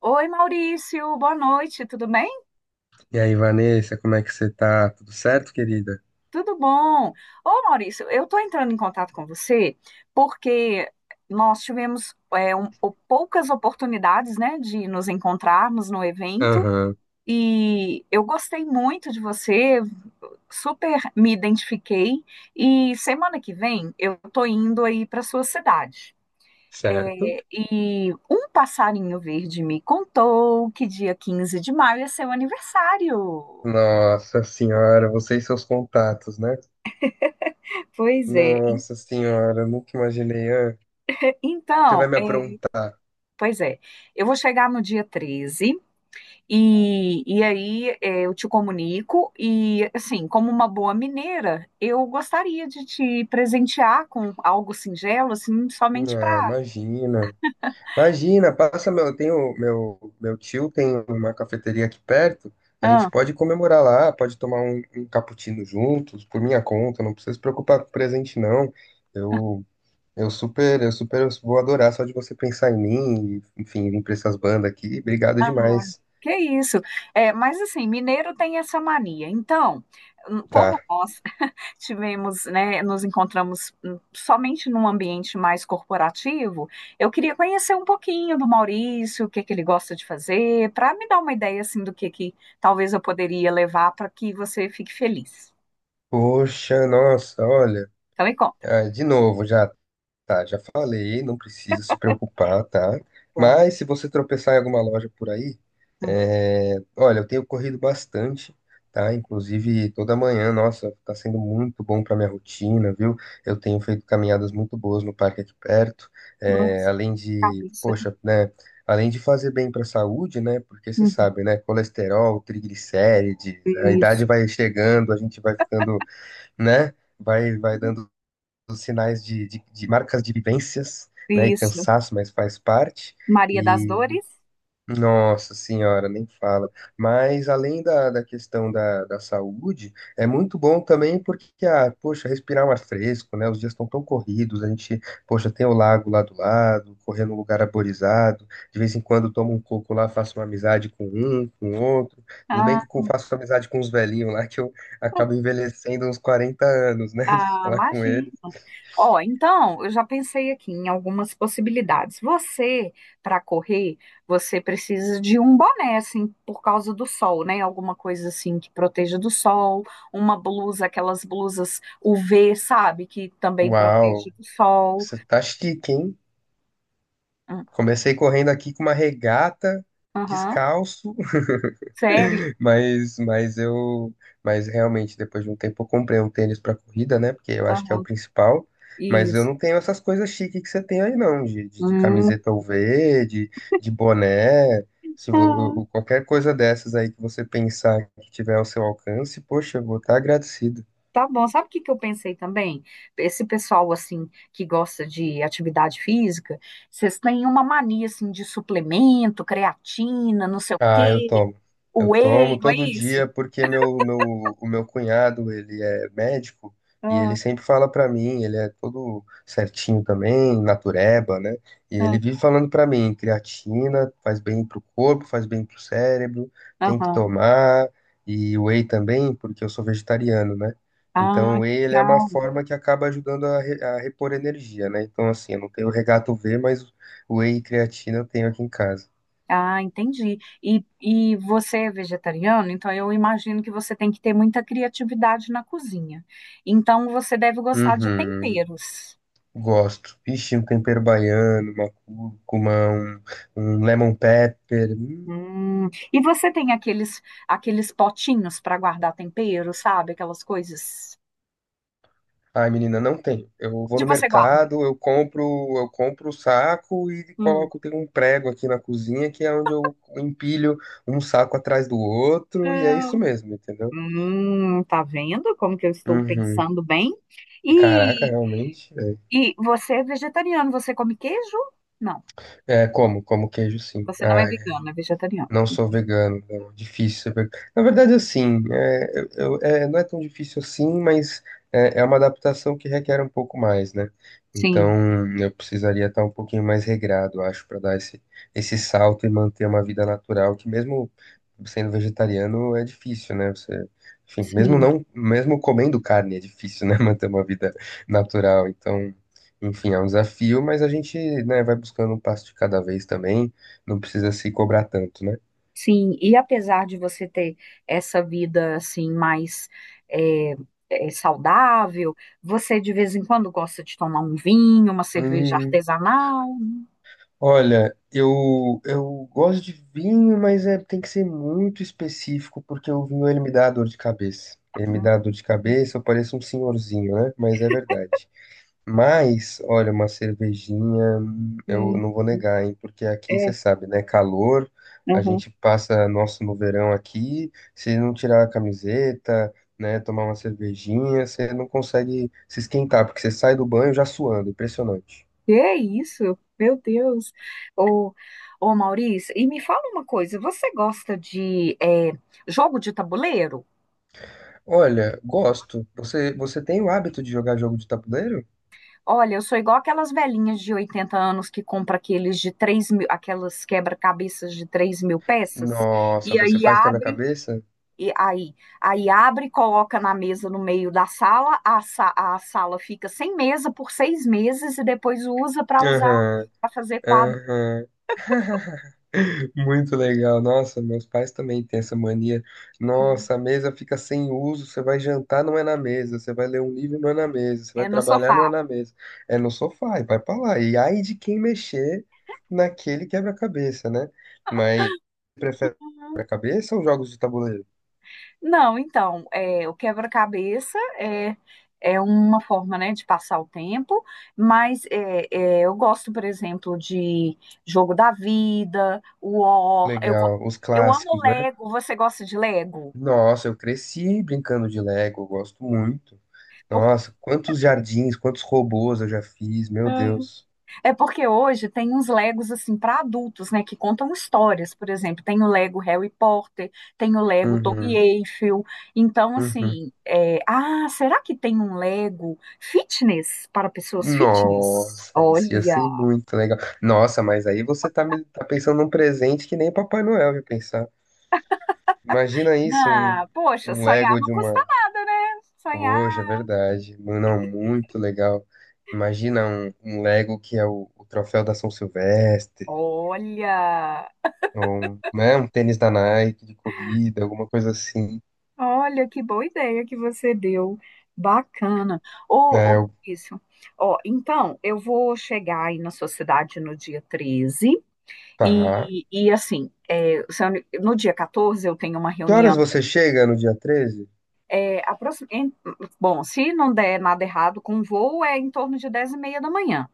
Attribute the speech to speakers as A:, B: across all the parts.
A: Oi, Maurício, boa noite, tudo bem?
B: E aí, Vanessa, como é que você tá? Tudo certo, querida?
A: Tudo bom? Ô, Maurício, eu estou entrando em contato com você porque nós tivemos poucas oportunidades, né, de nos encontrarmos no evento
B: Aham,
A: e eu gostei muito de você, super me identifiquei e semana que vem eu estou indo aí para sua cidade.
B: certo?
A: E um passarinho verde me contou que dia 15 de maio é seu aniversário.
B: Nossa senhora, você e seus contatos, né?
A: Pois é.
B: Nossa senhora, eu nunca imaginei. Ah, você vai
A: Então,
B: me aprontar.
A: pois é, eu vou chegar no dia 13 e aí eu te comunico e, assim, como uma boa mineira, eu gostaria de te presentear com algo singelo, assim, somente
B: Ah,
A: para...
B: imagina. Imagina, eu tenho meu meu tio tem uma cafeteria aqui perto. A gente
A: Ah,
B: pode comemorar lá, pode tomar um cappuccino juntos, por minha conta, não precisa se preocupar com presente não. Eu eu super vou adorar só de você pensar em mim e, enfim, vir pra essas bandas aqui. Obrigado
A: ah,
B: demais.
A: que isso? É, mas, assim, mineiro tem essa mania. Então, como
B: Tá.
A: nós tivemos, né, nos encontramos somente num ambiente mais corporativo, eu queria conhecer um pouquinho do Maurício, o que que ele gosta de fazer, para me dar uma ideia assim do que talvez eu poderia levar para que você fique feliz.
B: Poxa, nossa, olha.
A: Então me conta.
B: Ah, de novo já. Tá, já falei, não precisa se preocupar, tá?
A: Bom.
B: Mas se você tropeçar em alguma loja por aí,
A: Hum.
B: é, olha, eu tenho corrido bastante, tá? Inclusive toda manhã, nossa, tá sendo muito bom para minha rotina, viu? Eu tenho feito caminhadas muito boas no parque aqui perto, é,
A: Nossa,
B: além de,
A: cabeça.
B: poxa, né? Além de fazer bem para a saúde, né? Porque você
A: Uhum.
B: sabe, né? Colesterol, triglicérides, a idade
A: Isso.
B: vai chegando, a gente vai ficando, né? Vai dando os sinais de marcas de vivências, né? E
A: Isso.
B: cansaço, mas faz parte.
A: Maria das
B: E,
A: Dores?
B: nossa senhora, nem fala. Mas além da questão da saúde, é muito bom também porque, ah, poxa, respirar um ar fresco, né? Os dias estão tão corridos, a gente, poxa, tem o lago lá do lado, correr num lugar arborizado, de vez em quando tomo um coco lá, faço uma amizade com um, com outro. Tudo bem que
A: Ah,
B: eu faço amizade com os velhinhos lá, que eu acabo envelhecendo uns 40 anos, né? De
A: Ah,
B: falar com
A: imagino.
B: eles.
A: Ó, então, eu já pensei aqui em algumas possibilidades. Você, para correr, você precisa de um boné, assim, por causa do sol, né? Alguma coisa assim que proteja do sol, uma blusa, aquelas blusas UV, sabe? Que também protege
B: Uau!
A: do sol.
B: Você tá chique, hein?
A: Hum.
B: Comecei correndo aqui com uma regata,
A: Aham.
B: descalço,
A: Sério?
B: mas, mas eu, mas realmente depois de um tempo eu comprei um tênis para corrida, né? Porque eu acho que é o
A: Aham.
B: principal. Mas eu
A: Isso.
B: não tenho essas coisas chiques que você tem aí, não, de
A: Hum.
B: camiseta UV, de boné. Se vo-
A: Tá.
B: o- qualquer coisa dessas aí que você pensar que tiver ao seu alcance, poxa, eu vou estar agradecido.
A: Tá bom, sabe o que que eu pensei também? Esse pessoal, assim, que gosta de atividade física, vocês têm uma mania, assim, de suplemento, creatina, não sei o quê,
B: Ah, eu tomo. Eu
A: whey,
B: tomo
A: não é
B: todo
A: isso?
B: dia porque o meu cunhado, ele é médico e ele
A: Ah,
B: sempre fala pra mim, ele é todo certinho também, natureba, né? E
A: ah,
B: ele vive falando pra mim, creatina faz bem pro corpo, faz bem pro cérebro, tem que
A: aham.
B: tomar, e whey também, porque eu sou vegetariano, né?
A: Ah,
B: Então, o whey,
A: que
B: ele é uma
A: legal.
B: forma que acaba ajudando a, re- a repor energia, né? Então, assim, eu não tenho regato V, mas o whey e creatina eu tenho aqui em casa.
A: Ah, entendi. E você é vegetariano, então eu imagino que você tem que ter muita criatividade na cozinha. Então você deve gostar de
B: Uhum.
A: temperos.
B: Gosto. Ixi, um tempero baiano, uma cúrcuma, um, lemon pepper. Hum.
A: Hum. E você tem aqueles potinhos para guardar tempero, sabe? Aquelas coisas.
B: Ai, menina, não tem. Eu vou
A: Onde
B: no
A: você guarda?
B: mercado, eu compro o saco e
A: Hum.
B: coloco, tem um prego aqui na cozinha que é onde eu empilho um saco atrás do outro e é isso
A: Não.
B: mesmo, entendeu?
A: Tá vendo como que eu estou
B: Uhum.
A: pensando bem?
B: Caraca,
A: E,
B: realmente. É,
A: e você é vegetariano, você come queijo? Não,
B: É, como queijo, sim.
A: você não
B: Ah,
A: é vegano, é vegetariano.
B: não sou vegano, não. Difícil ser vegano. Na verdade, assim, é, é, não é tão difícil assim, mas é uma adaptação que requer um pouco mais, né?
A: Sim,
B: Então, eu precisaria estar um pouquinho mais regrado, acho, para dar esse, esse salto e manter uma vida natural, que mesmo sendo vegetariano é difícil, né? Você, enfim, mesmo
A: sim.
B: não, mesmo comendo carne é difícil, né? Manter uma vida natural. Então, enfim, é um desafio, mas a gente, né, vai buscando um passo de cada vez também. Não precisa se cobrar tanto, né?
A: Sim, e apesar de você ter essa vida assim mais é, saudável, você de vez em quando gosta de tomar um vinho, uma cerveja
B: Hum,
A: artesanal.
B: olha, eu gosto de vinho, mas é, tem que ser muito específico, porque o vinho ele me dá dor de cabeça. Ele me
A: Né?
B: dá dor de cabeça, eu pareço um senhorzinho, né? Mas é verdade. Mas, olha, uma cervejinha, eu
A: Hum.
B: não vou negar, hein? Porque aqui você
A: É.
B: sabe, né? Calor, a
A: Uhum.
B: gente passa nosso no verão aqui, se não tirar a camiseta, né? Tomar uma cervejinha, você não consegue se esquentar, porque você sai do banho já suando, impressionante.
A: Que é isso? Meu Deus. Ô, ô Maurício, e me fala uma coisa, você gosta de jogo de tabuleiro?
B: Olha, gosto. Você, você tem o hábito de jogar jogo de tabuleiro?
A: Olha, eu sou igual aquelas velhinhas de 80 anos que compra aqueles de 3 mil, aquelas quebra-cabeças de 3 mil peças,
B: Nossa,
A: e
B: você
A: aí
B: faz
A: abre,
B: quebra-cabeça?
A: e aí, aí abre, coloca na mesa no meio da sala, a sala fica sem mesa por 6 meses e depois usa para usar,
B: Aham,
A: para fazer quadro.
B: aham. Muito legal. Nossa, meus pais também têm essa mania.
A: Hum,
B: Nossa, a mesa fica sem uso. Você vai jantar, não é na mesa. Você vai ler um livro, não é na mesa. Você vai
A: é, no
B: trabalhar, não é
A: sofá.
B: na mesa. É no sofá, e vai pra lá. E ai de quem mexer naquele quebra-cabeça, né? Mas prefere quebra-cabeça ou jogos de tabuleiro?
A: Não, então, é, o quebra-cabeça é uma forma, né, de passar o tempo, mas eu gosto, por exemplo, de Jogo da Vida, War,
B: Legal, os
A: eu amo
B: clássicos, né?
A: Lego, você gosta de Lego?
B: Nossa, eu cresci brincando de Lego, eu gosto muito.
A: Por-
B: Nossa, quantos jardins, quantos robôs eu já fiz, meu Deus.
A: É porque hoje tem uns Legos assim para adultos, né, que contam histórias, por exemplo, tem o Lego Harry Potter, tem o Lego Torre
B: Uhum,
A: Eiffel. Então,
B: uhum.
A: assim, ah, será que tem um Lego fitness para pessoas fitness?
B: Nossa, isso ia
A: Olha,
B: ser muito legal. Nossa, mas aí você tá, tá pensando num presente que nem Papai Noel ia pensar. Imagina isso, um,
A: ah, poxa,
B: um
A: sonhar
B: Lego
A: não
B: de
A: custa
B: uma.
A: nada, né? Sonhar.
B: Poxa, é verdade. Não, muito legal. Imagina um Lego que é o troféu da São Silvestre.
A: Olha,
B: Ou, um, né, um tênis da Nike de corrida, alguma coisa assim.
A: olha que boa ideia que você deu. Bacana. Ô,
B: É,
A: ô,
B: eu,
A: Maurício, ó, então eu vou chegar aí na sua cidade no dia 13.
B: tá.
A: E assim, é, se eu- no dia 14 eu tenho uma
B: Que
A: reunião.
B: horas você chega no dia 13?
A: É, aproxi- em- Bom, se não der nada errado com o voo, é em torno de 10:30 da manhã.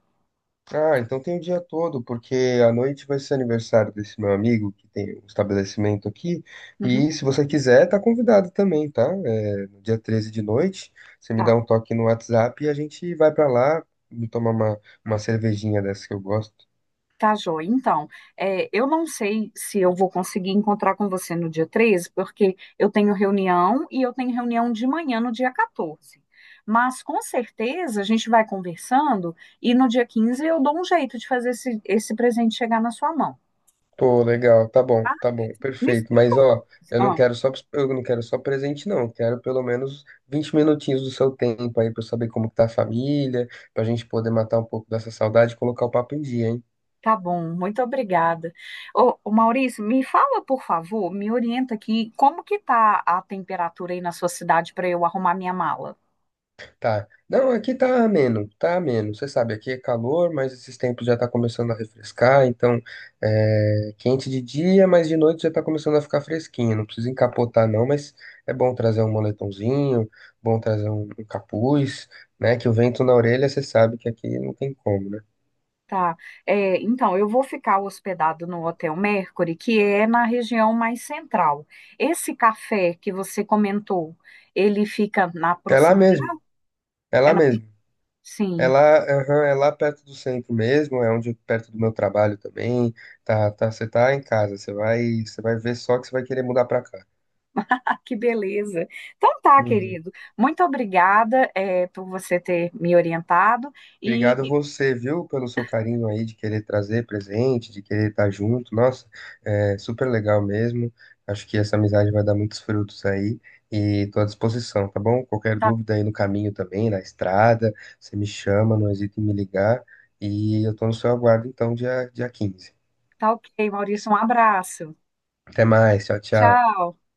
B: Ah, então tem o dia todo, porque à noite vai ser aniversário desse meu amigo que tem um estabelecimento aqui.
A: Uhum.
B: E se você quiser, tá convidado também, tá? É, no dia 13 de noite, você me
A: Tá,
B: dá um toque no WhatsApp e a gente vai pra lá me tomar uma cervejinha dessa que eu gosto.
A: tá, joia. Então, eu não sei se eu vou conseguir encontrar com você no dia 13, porque eu tenho reunião e eu tenho reunião de manhã no dia 14. Mas com certeza a gente vai conversando e no dia 15 eu dou um jeito de fazer esse presente chegar na sua mão.
B: Pô, legal, tá bom,
A: Me
B: perfeito.
A: explica.
B: Mas ó, eu não quero só presente não. Eu quero pelo menos 20 minutinhos do seu tempo aí pra eu saber como que tá a família, pra gente poder matar um pouco dessa saudade e colocar o papo em dia, hein?
A: Tá bom, muito obrigada. Ô, Maurício, me fala, por favor, me orienta aqui, como que tá a temperatura aí na sua cidade para eu arrumar minha mala?
B: Tá. Não, aqui tá ameno, tá ameno. Você sabe, aqui é calor, mas esses tempos já tá começando a refrescar, então é quente de dia, mas de noite já tá começando a ficar fresquinho. Não precisa encapotar não, mas é bom trazer um moletomzinho, bom trazer um, um capuz, né? Que o vento na orelha, você sabe que aqui não tem como, né?
A: Tá. É, então, eu vou ficar hospedado no Hotel Mercury, que é na região mais central. Esse café que você comentou, ele fica na
B: É lá
A: proximidade.
B: mesmo, é
A: é
B: lá
A: na-
B: mesmo. É
A: Sim,
B: lá, aham, é lá perto do centro mesmo, é onde perto do meu trabalho também. Tá, tá, você tá em casa, você vai ver só que você vai querer mudar pra cá.
A: ah, que beleza. Então tá,
B: Uhum.
A: querido. Muito obrigada, por você ter me orientado. E
B: Obrigado você, viu, pelo seu carinho aí de querer trazer presente, de querer estar junto. Nossa, é super legal mesmo. Acho que essa amizade vai dar muitos frutos aí e tô à disposição, tá bom? Qualquer
A: tá,
B: dúvida aí no caminho também, na estrada, você me chama, não hesite em me ligar. E eu tô no seu aguardo então, dia 15.
A: tá ok, Maurício. Um abraço.
B: Até mais, tchau, tchau.
A: Tchau.